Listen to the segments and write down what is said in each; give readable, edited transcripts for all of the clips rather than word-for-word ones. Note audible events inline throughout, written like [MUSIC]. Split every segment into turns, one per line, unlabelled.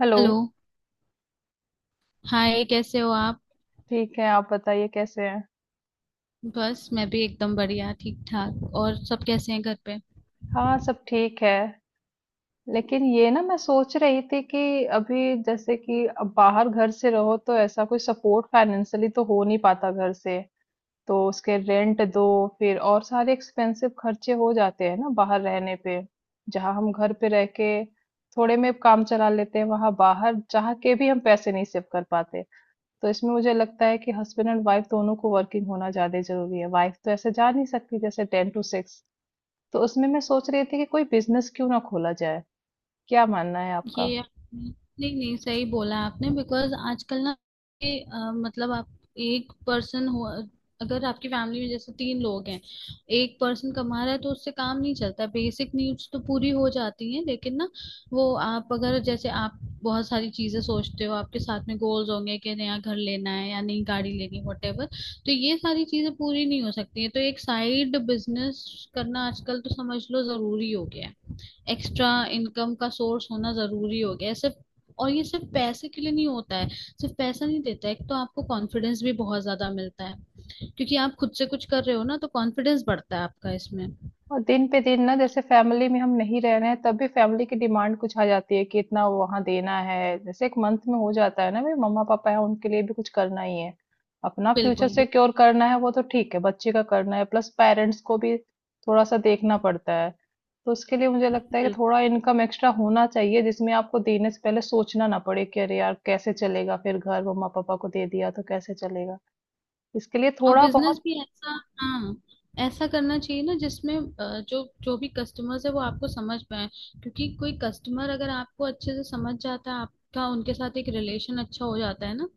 Hello.
Hello. Hi, कैसे हो आप?
ठीक है, आप बताइए कैसे हैं?
बस, मैं भी एकदम बढ़िया ठीक ठाक। और सब कैसे हैं घर पे?
हाँ, सब ठीक है। लेकिन ये ना, मैं सोच रही थी कि अभी जैसे कि अब बाहर घर से रहो तो ऐसा कोई सपोर्ट फाइनेंशियली तो हो नहीं पाता घर से। तो उसके रेंट दो, फिर और सारे एक्सपेंसिव खर्चे हो जाते हैं ना बाहर रहने पे। जहाँ हम घर पे रह के थोड़े में काम चला लेते हैं, वहां बाहर चाह के भी हम पैसे नहीं सेव कर पाते। तो इसमें मुझे लगता है कि हस्बैंड एंड वाइफ दोनों को वर्किंग होना ज्यादा जरूरी है। वाइफ तो ऐसे जा नहीं सकती जैसे 10 to 6। तो उसमें मैं सोच रही थी कि कोई बिजनेस क्यों ना खोला जाए। क्या मानना है आपका?
ये आपने- नहीं नहीं, सही बोला आपने। बिकॉज आजकल ना, ये, मतलब आप एक पर्सन हो। अगर आपकी फैमिली में जैसे तीन लोग हैं, एक पर्सन कमा रहा है तो उससे काम नहीं चलता। बेसिक नीड्स तो पूरी हो जाती हैं, लेकिन ना, वो आप अगर जैसे आप बहुत सारी चीजें सोचते हो, आपके साथ में गोल्स होंगे कि नया घर लेना है या नई गाड़ी लेनी, वटेवर। तो ये सारी चीजें पूरी नहीं हो सकती है। तो एक साइड बिजनेस करना आजकल तो समझ लो जरूरी हो गया है। एक्स्ट्रा इनकम का सोर्स होना जरूरी हो गया है, सिर्फ। और ये सिर्फ पैसे के लिए नहीं होता है, सिर्फ पैसा नहीं देता है। एक तो आपको कॉन्फिडेंस भी बहुत ज्यादा मिलता है, क्योंकि आप खुद से कुछ कर रहे हो ना। तो कॉन्फिडेंस बढ़ता है आपका इसमें।
और दिन पे दिन ना, जैसे फैमिली में हम नहीं रह रहे हैं तब भी फैमिली की डिमांड कुछ आ जाती है कि इतना वहां देना है, जैसे एक मंथ में हो जाता है ना। भाई, मम्मा पापा है उनके लिए भी कुछ करना ही है। अपना फ्यूचर
बिल्कुल बिल्कुल
सिक्योर करना है, वो तो ठीक है, बच्चे का करना है, प्लस पेरेंट्स को भी थोड़ा सा देखना पड़ता है। तो उसके लिए मुझे लगता है कि
बिल्कुल।
थोड़ा इनकम एक्स्ट्रा होना चाहिए जिसमें आपको देने से पहले सोचना ना पड़े कि अरे यार कैसे चलेगा, फिर घर मम्मा पापा को दे दिया तो कैसे चलेगा। इसके लिए
और
थोड़ा बहुत।
बिजनेस भी ऐसा, हाँ, ऐसा करना चाहिए ना जिसमें जो जो भी कस्टमर्स है वो आपको समझ पाए। क्योंकि कोई कस्टमर अगर आपको अच्छे से समझ जाता है, आपका उनके साथ एक रिलेशन अच्छा हो जाता है ना,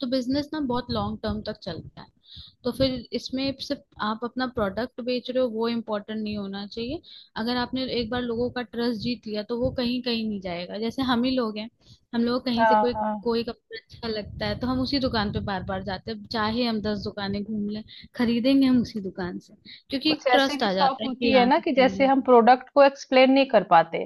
तो बिजनेस ना बहुत लॉन्ग टर्म तक चलता है। तो फिर इसमें सिर्फ आप अपना प्रोडक्ट बेच रहे हो, वो इम्पोर्टेंट नहीं होना चाहिए। अगर आपने एक बार लोगों का ट्रस्ट जीत लिया, तो वो कहीं कहीं नहीं जाएगा। जैसे हम ही लोग हैं, हम लोग कहीं से
हाँ
कोई
हाँ।
कोई कपड़ा अच्छा लगता है तो हम उसी दुकान पे बार बार जाते हैं, चाहे हम 10 दुकानें घूम लें। खरीदेंगे हम उसी दुकान से, क्योंकि
कुछ
एक
ऐसी
ट्रस्ट
भी
आ
शॉप
जाता है कि
होती है
यहाँ
ना
से
कि
सही
जैसे हम
मिलेगा।
प्रोडक्ट को एक्सप्लेन नहीं कर पाते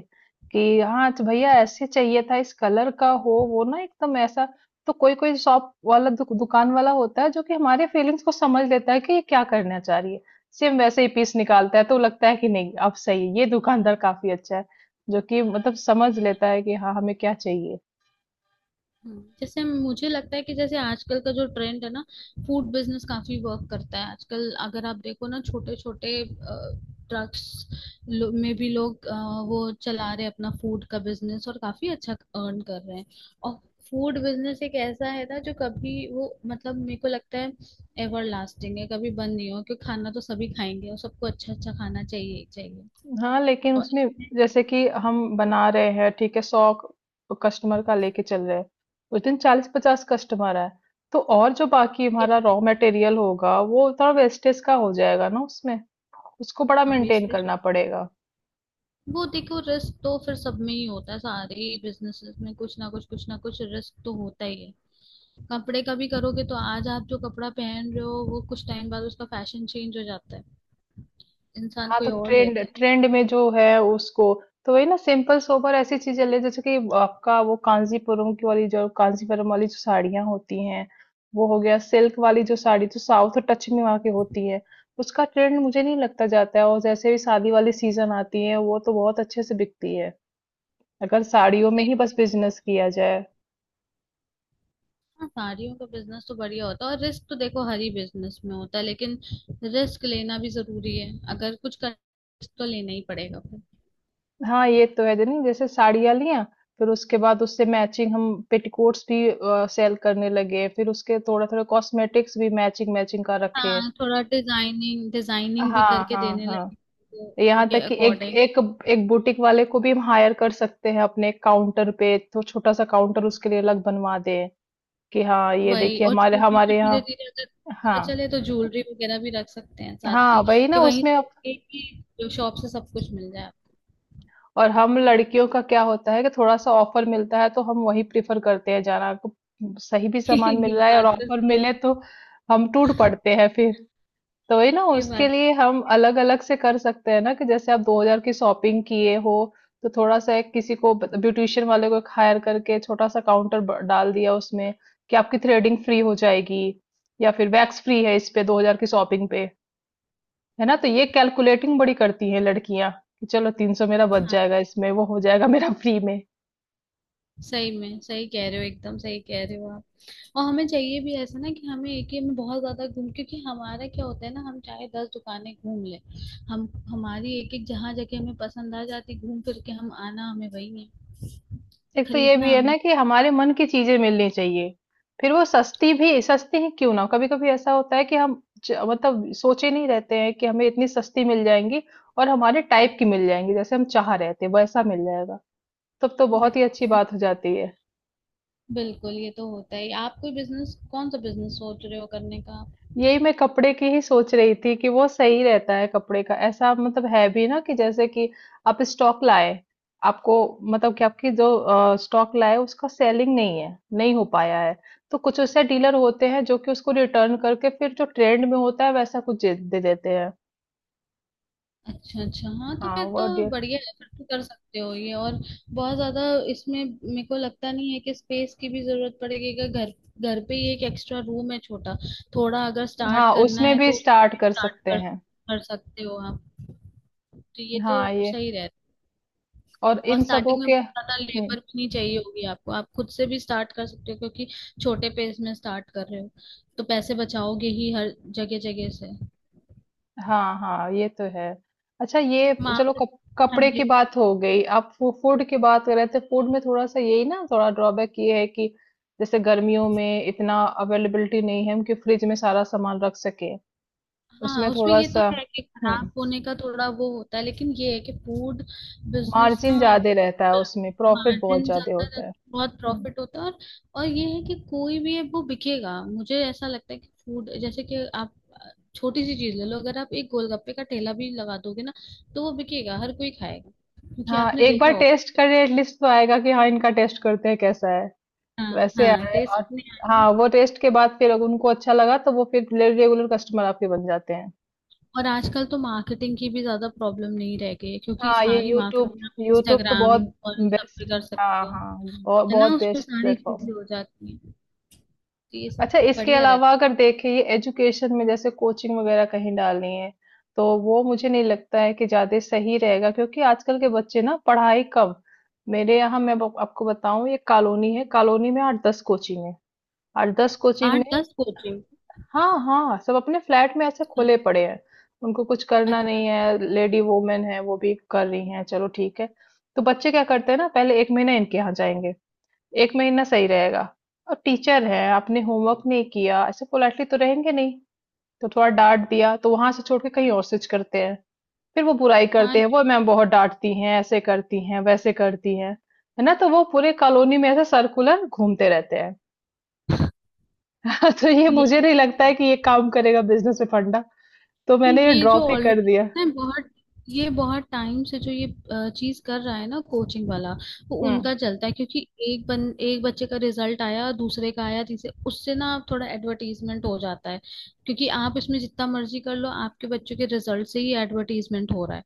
कि हाँ अच्छा भैया ऐसे चाहिए था, इस कलर का हो, वो ना एकदम ऐसा। तो कोई कोई शॉप वाला दुकान वाला होता है जो कि हमारे फीलिंग्स को समझ लेता है कि ये क्या करना चाह रही है। सेम वैसे ही पीस निकालता है तो लगता है कि नहीं, अब सही है, ये दुकानदार काफी अच्छा है जो कि मतलब समझ लेता है कि हाँ हमें क्या चाहिए।
जैसे मुझे लगता है कि जैसे आजकल का जो ट्रेंड है ना, फूड बिजनेस काफी वर्क करता है आजकल। अगर आप देखो ना, छोटे छोटे ट्रक्स में भी लोग वो चला रहे हैं अपना फूड का बिजनेस, और काफी अच्छा अर्न कर रहे हैं। और फूड बिजनेस एक ऐसा है ना जो कभी वो मतलब मेरे को लगता है एवर लास्टिंग है, कभी बंद नहीं हो, क्योंकि खाना तो सभी खाएंगे और सबको अच्छा अच्छा खाना चाहिए ही चाहिए।
हाँ, लेकिन
और
उसमें
इसमें
जैसे कि हम बना रहे हैं, ठीक है 100 कस्टमर का लेके चल रहे हैं, उस दिन 40-50 कस्टमर है, तो और जो बाकी हमारा
वेस्टेज,
रॉ मटेरियल होगा वो थोड़ा वेस्टेज का हो जाएगा ना उसमें। उसको बड़ा
हाँ
मेंटेन
वेस्टेज,
करना पड़ेगा।
वो देखो रिस्क तो फिर सब में ही होता है। सारे बिजनेसेस में कुछ ना कुछ रिस्क तो होता ही है। कपड़े का भी करोगे तो आज आप जो कपड़ा पहन रहे हो वो कुछ टाइम बाद उसका फैशन चेंज हो जाता है, इंसान
हाँ
कोई
तो
और
ट्रेंड
लेता है।
ट्रेंड में जो है उसको, तो वही ना सिंपल सोबर ऐसी चीजें ले। जैसे कि आपका वो कांजीपुरम वाली जो साड़ियां होती हैं, वो हो गया सिल्क वाली जो साड़ी जो साउथ टच में वहाँ की होती है, उसका ट्रेंड मुझे नहीं लगता जाता है। और जैसे भी शादी वाली सीजन आती है वो तो बहुत अच्छे से बिकती है, अगर साड़ियों में
सही।
ही बस बिजनेस किया जाए।
हाँ, साड़ियों का बिजनेस तो बढ़िया होता है। और रिस्क तो देखो हर ही बिजनेस में होता है, लेकिन रिस्क लेना भी जरूरी है। अगर कुछ कर risk तो लेना ही पड़ेगा फिर।
हाँ, ये तो है। जनी जैसे साड़ियाँ लिया, फिर उसके बाद उससे मैचिंग हम पेटीकोट्स भी सेल करने लगे, फिर उसके थोड़ा थोड़ा कॉस्मेटिक्स भी मैचिंग मैचिंग का रखे हैं।
हाँ, थोड़ा डिजाइनिंग डिजाइनिंग भी
हाँ
करके
हाँ
देने
हाँ।
लगे तो
यहाँ
उनके
तक कि एक
अकॉर्डिंग।
एक एक बुटीक वाले को भी हम हायर कर सकते हैं अपने काउंटर पे। तो छोटा सा काउंटर उसके लिए अलग बनवा दें कि हाँ ये
वही,
देखिए,
और
हमारे
ज्वेलरी फिर
हमारे
धीरे
यहाँ।
धीरे अगर अच्छा
हाँ
चले तो ज्वेलरी वगैरह भी रख सकते हैं साथ
हाँ,
की,
वही
कि
ना
वहीं
उसमें।
से एक ही शॉप से सब कुछ मिल जाए
और हम लड़कियों का क्या होता है कि थोड़ा-सा ऑफर मिलता है तो हम वही प्रेफ़र करते हैं जाना को। सही भी
आपको।
सामान
[LAUGHS]
मिल रहा है और ऑफर मिले तो हम टूट पड़ते हैं फिर। तो वही ना,
ये
उसके
बात
लिए हम अलग-अलग से कर सकते हैं ना कि जैसे आप 2000 की शॉपिंग किए हो तो थोड़ा-सा एक किसी को ब ब्यूटीशियन वाले को हायर करके छोटा-सा काउंटर ब डाल दिया उसमें कि आपकी थ्रेडिंग फ्री हो जाएगी या फिर वैक्स फ्री है इस पे 2000 की शॉपिंग पे। है ना, तो ये कैलकुलेटिंग बड़ी करती है लड़कियां कि चलो 300 मेरा बच
हाँ,
जाएगा, इसमें वो हो जाएगा मेरा फ्री में।
सही में सही कह रहे हो, एकदम सही कह रहे हो आप। और हमें चाहिए भी ऐसा ना, कि हमें एक ही में बहुत ज्यादा घूम। क्योंकि हमारा क्या होता है ना, हम चाहे 10 दुकानें घूम ले, हम हमारी एक एक जहाँ जगह हमें पसंद आ जाती, घूम फिर के हम आना हमें वही है
एक तो ये भी
खरीदना।
है ना कि हमारे मन की चीजें मिलनी चाहिए, फिर वो सस्ती भी सस्ती ही क्यों ना हो। कभी कभी ऐसा होता है कि हम मतलब सोचे नहीं रहते हैं कि हमें इतनी सस्ती मिल जाएंगी और हमारे टाइप की मिल जाएंगी, जैसे हम चाह रहे थे वैसा मिल जाएगा, तब तो बहुत ही अच्छी
हमने
बात हो जाती है।
बिल्कुल, ये तो होता ही। आप कोई बिजनेस, कौन सा बिजनेस सोच रहे हो करने का आप?
यही मैं कपड़े की ही सोच रही थी कि वो सही रहता है कपड़े का। ऐसा मतलब है भी ना कि जैसे कि आप स्टॉक लाए, आपको मतलब कि आपकी जो स्टॉक लाए उसका सेलिंग नहीं है, नहीं हो पाया है, तो कुछ ऐसे डीलर होते हैं जो कि उसको रिटर्न करके फिर जो ट्रेंड में होता है वैसा कुछ दे दे देते हैं।
अच्छा अच्छा, हाँ तो
हाँ
फिर तो
वो
बढ़िया है, फिर तो कर सकते हो ये। और बहुत ज्यादा इसमें मेरे को लगता नहीं है कि स्पेस की भी जरूरत पड़ेगी, कि घर घर पे ही एक एक्स्ट्रा रूम है छोटा, थोड़ा अगर स्टार्ट
हाँ,
करना
उसमें
है
भी
तो उसको
स्टार्ट
भी
कर
स्टार्ट
सकते
कर
हैं।
कर सकते हो आप। तो ये तो
हाँ ये
सही रहे।
और
और
इन सबों
स्टार्टिंग में
के
बहुत ज्यादा लेबर भी नहीं चाहिए होगी आपको, आप खुद से भी स्टार्ट कर सकते हो, क्योंकि छोटे पेज में स्टार्ट कर रहे हो, तो पैसे बचाओगे ही हर जगह जगह से।
हाँ हाँ, ये तो है। अच्छा, ये चलो,
मार्क। हाँ
कपड़े की
जी।
बात हो गई, आप फूड की बात कर रहे थे। फूड में थोड़ा सा यही ना थोड़ा ड्रॉबैक ये है कि जैसे गर्मियों में इतना अवेलेबिलिटी नहीं है हम कि फ्रिज में सारा सामान रख सके।
हाँ,
उसमें
उसमें
थोड़ा
ये तो
सा
है कि
हम्म
खराब होने का थोड़ा वो होता है, लेकिन ये है कि फूड बिजनेस
मार्जिन
ना
ज्यादा रहता है, उसमें प्रॉफिट बहुत
मार्जिन
ज्यादा
ज्यादा रहता
होता
है,
है।
बहुत
हम्म,
प्रॉफिट होता है। और ये है कि कोई भी है वो बिकेगा। मुझे ऐसा लगता है कि फूड, जैसे कि आप छोटी सी चीज ले लो। अगर आप एक गोलगप्पे का ठेला भी लगा दोगे ना, तो वो बिकेगा, हर कोई खाएगा, क्योंकि
हाँ,
आपने
एक
देखा
बार टेस्ट
होगा।
करें एटलीस्ट तो आएगा कि हाँ इनका टेस्ट करते हैं कैसा है।
हाँ
वैसे
हाँ,
आए
टेस्ट
और
नहीं आया।
हाँ वो टेस्ट के बाद फिर अगर उनको अच्छा लगा तो वो फिर रेगुलर कस्टमर आपके बन जाते हैं।
और आजकल तो मार्केटिंग की भी ज्यादा प्रॉब्लम नहीं रह गई है, क्योंकि
हाँ ये
सारी
यूट्यूब,
मार्केटिंग आप
यूट्यूब तो
इंस्टाग्राम
बहुत
और इन सब पे
बेस्ट।
कर
हाँ
सकते हो।
हाँ, बहुत
है ना,
बहुत
उस पे
बेस्ट
सारी
प्लेटफॉर्म है।
चीजें हो जाती हैं, तो ये सब
अच्छा, इसके
बढ़िया
अलावा
रहता
अगर देखें, ये एजुकेशन में जैसे कोचिंग वगैरह कहीं डालनी है तो वो मुझे नहीं लगता है कि ज्यादा सही रहेगा, क्योंकि आजकल के बच्चे ना पढ़ाई कम। मेरे यहाँ मैं आपको बताऊं ये कॉलोनी है, कॉलोनी में 8-10 कोचिंग है। 8-10
है।
कोचिंग
आठ
में
दस कोचिंग
हाँ हाँ सब अपने फ्लैट में ऐसे खुले पड़े हैं। उनको कुछ करना
अच्छा,
नहीं है, लेडी वोमेन है वो भी कर रही हैं, चलो ठीक है। तो बच्चे क्या करते हैं ना पहले एक महीना इनके यहाँ जाएंगे, एक महीना सही रहेगा। और टीचर है, आपने होमवर्क नहीं किया ऐसे पोलाइटली तो रहेंगे नहीं। तो थोड़ा डांट दिया तो वहां से छोड़ के कहीं और स्विच करते हैं, फिर वो बुराई करते
हाँ,
हैं वो मैम बहुत डांटती हैं ऐसे करती हैं वैसे करती हैं। है ना, तो वो पूरे कॉलोनी में ऐसे सर्कुलर घूमते रहते हैं। [LAUGHS] तो ये
ये
मुझे नहीं लगता है कि ये काम करेगा बिजनेस में फंडा। तो मैंने ये
ये जो
ड्रॉप ही कर
ऑलरेडी
दिया।
पता है बहुत। ये बहुत टाइम से जो ये चीज कर रहा है ना कोचिंग वाला, वो
हम्म
उनका चलता है, क्योंकि एक बच्चे का रिजल्ट आया, दूसरे का आया, तीसरे, उससे ना थोड़ा एडवर्टीजमेंट हो जाता है। क्योंकि आप इसमें जितना मर्जी कर लो, आपके बच्चों के रिजल्ट से ही एडवर्टीजमेंट हो रहा है।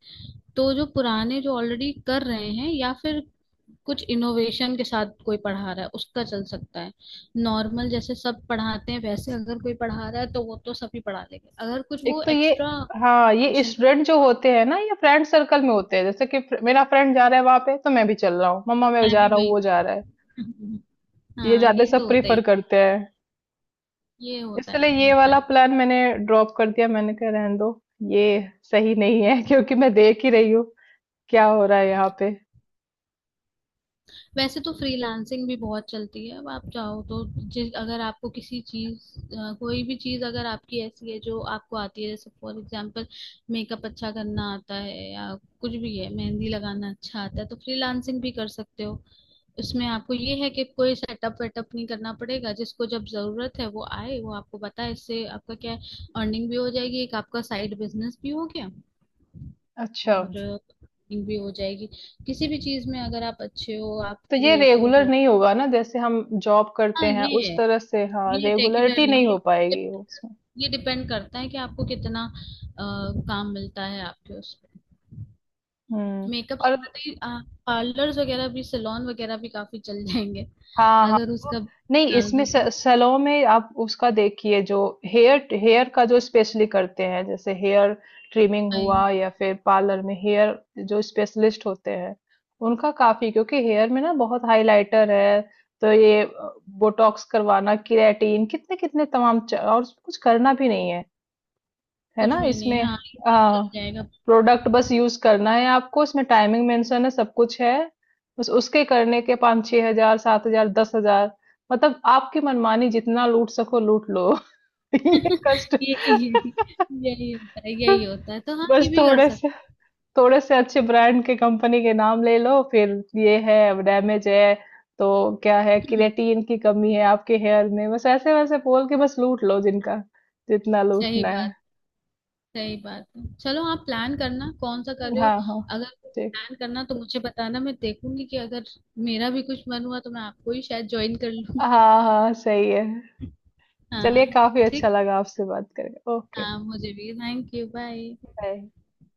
तो जो पुराने, जो ऑलरेडी कर रहे हैं, या फिर कुछ इनोवेशन के साथ कोई पढ़ा रहा है, उसका चल सकता है। नॉर्मल जैसे सब पढ़ाते हैं वैसे अगर कोई पढ़ा रहा है तो वो तो सभी पढ़ा लेंगे, अगर कुछ
एक
वो
तो ये।
एक्स्ट्रा
हाँ ये
ट्यूशन।
स्टूडेंट जो होते हैं ना, ये फ्रेंड सर्कल में होते हैं, जैसे कि मेरा फ्रेंड जा रहा है वहां पे तो मैं भी चल रहा हूँ, मम्मा मैं
मैं
जा
भी
रहा हूँ वो जा
वही।
रहा है।
[LAUGHS]
ये
हाँ
ज्यादा
ये
सब
तो होता
प्रीफर
ही।
करते हैं।
ये होता है,
इसलिए
ये
ये
होता
वाला
है।
प्लान मैंने ड्रॉप कर दिया, मैंने कहा रहने दो, ये सही नहीं है [LAUGHS] क्योंकि मैं देख ही रही हूँ क्या हो रहा है यहाँ पे।
वैसे तो फ्रीलांसिंग भी बहुत चलती है, अब आप चाहो तो। जिस अगर आपको कोई भी चीज अगर आपकी ऐसी है जो आपको आती है, जैसे फॉर एग्जांपल मेकअप अच्छा करना आता है, या कुछ भी है, मेहंदी लगाना अच्छा आता है, तो फ्रीलांसिंग भी कर सकते हो। उसमें आपको ये है कि कोई सेटअप वेटअप नहीं करना पड़ेगा, जिसको जब जरूरत है वो आए, वो आपको बताए, इससे आपका क्या है, अर्निंग भी हो जाएगी। एक आपका साइड बिजनेस भी हो गया
अच्छा,
और अर्निंग भी हो जाएगी। किसी भी चीज में अगर आप अच्छे हो, आप
तो ये
क्रिएटिव
रेगुलर
हो।
नहीं होगा ना जैसे हम जॉब करते
हाँ
हैं
ये
उस
है,
तरह से, हाँ
ये रेगुलर
रेगुलरिटी नहीं
नहीं,
हो
ये
पाएगी उसमें।
ये डिपेंड करता है कि आपको कितना काम मिलता है आपके उस पे।
हम्म,
मेकअप से
और,
बात ही। पार्लर्स वगैरह भी सैलून वगैरह भी काफी चल जाएंगे,
हाँ हाँ।
अगर
वो-
उसका
नहीं,
डाल दो।
सैलो में आप उसका देखिए जो हेयर, हेयर का जो स्पेशली करते हैं, जैसे हेयर ट्रिमिंग
तो
हुआ या फिर पार्लर में हेयर, जो स्पेशलिस्ट होते हैं उनका काफी, क्योंकि हेयर में ना बहुत हाइलाइटर है तो ये बोटॉक्स करवाना केराटिन कितने कितने तमाम और कुछ करना भी नहीं है है
कुछ
ना
भी नहीं,
इसमें।
हाँ ये सब चल
हाँ।
जाएगा।
प्रोडक्ट बस यूज़ करना है आपको, उसमें टाइमिंग मेंशन है, सब कुछ है। बस उसके करने के 5-6 हज़ार, 7 हज़ार, 10 हज़ार, मतलब आपकी मनमानी जितना लूट सको लूट लो। [LAUGHS] ये
[LAUGHS]
कष्ट
यही यही
[LAUGHS]
यही होता है, यही होता है, तो हाँ
बस
ये भी कर सकते
थोड़े से अच्छे ब्रांड के कंपनी के नाम ले लो फिर। ये है डैमेज है। तो क्या है,
हैं।
केराटिन की कमी है आपके हेयर में, बस ऐसे वैसे बोल के बस लूट लो जिनका जितना
सही
लूटना है।
बात, सही बात है। चलो आप प्लान करना कौन सा कर रहे हो?
हाँ हाँ
अगर
ठीक,
प्लान करना तो मुझे बताना, मैं देखूंगी कि अगर मेरा भी कुछ मन हुआ तो मैं आपको ही शायद ज्वाइन कर लूँ।
हाँ हाँ सही है।
[LAUGHS]
चलिए
हाँ,
काफ़ी अच्छा
ठीक,
लगा आपसे बात करके। ओके,
हाँ, मुझे भी। Thank you, bye.
बाय।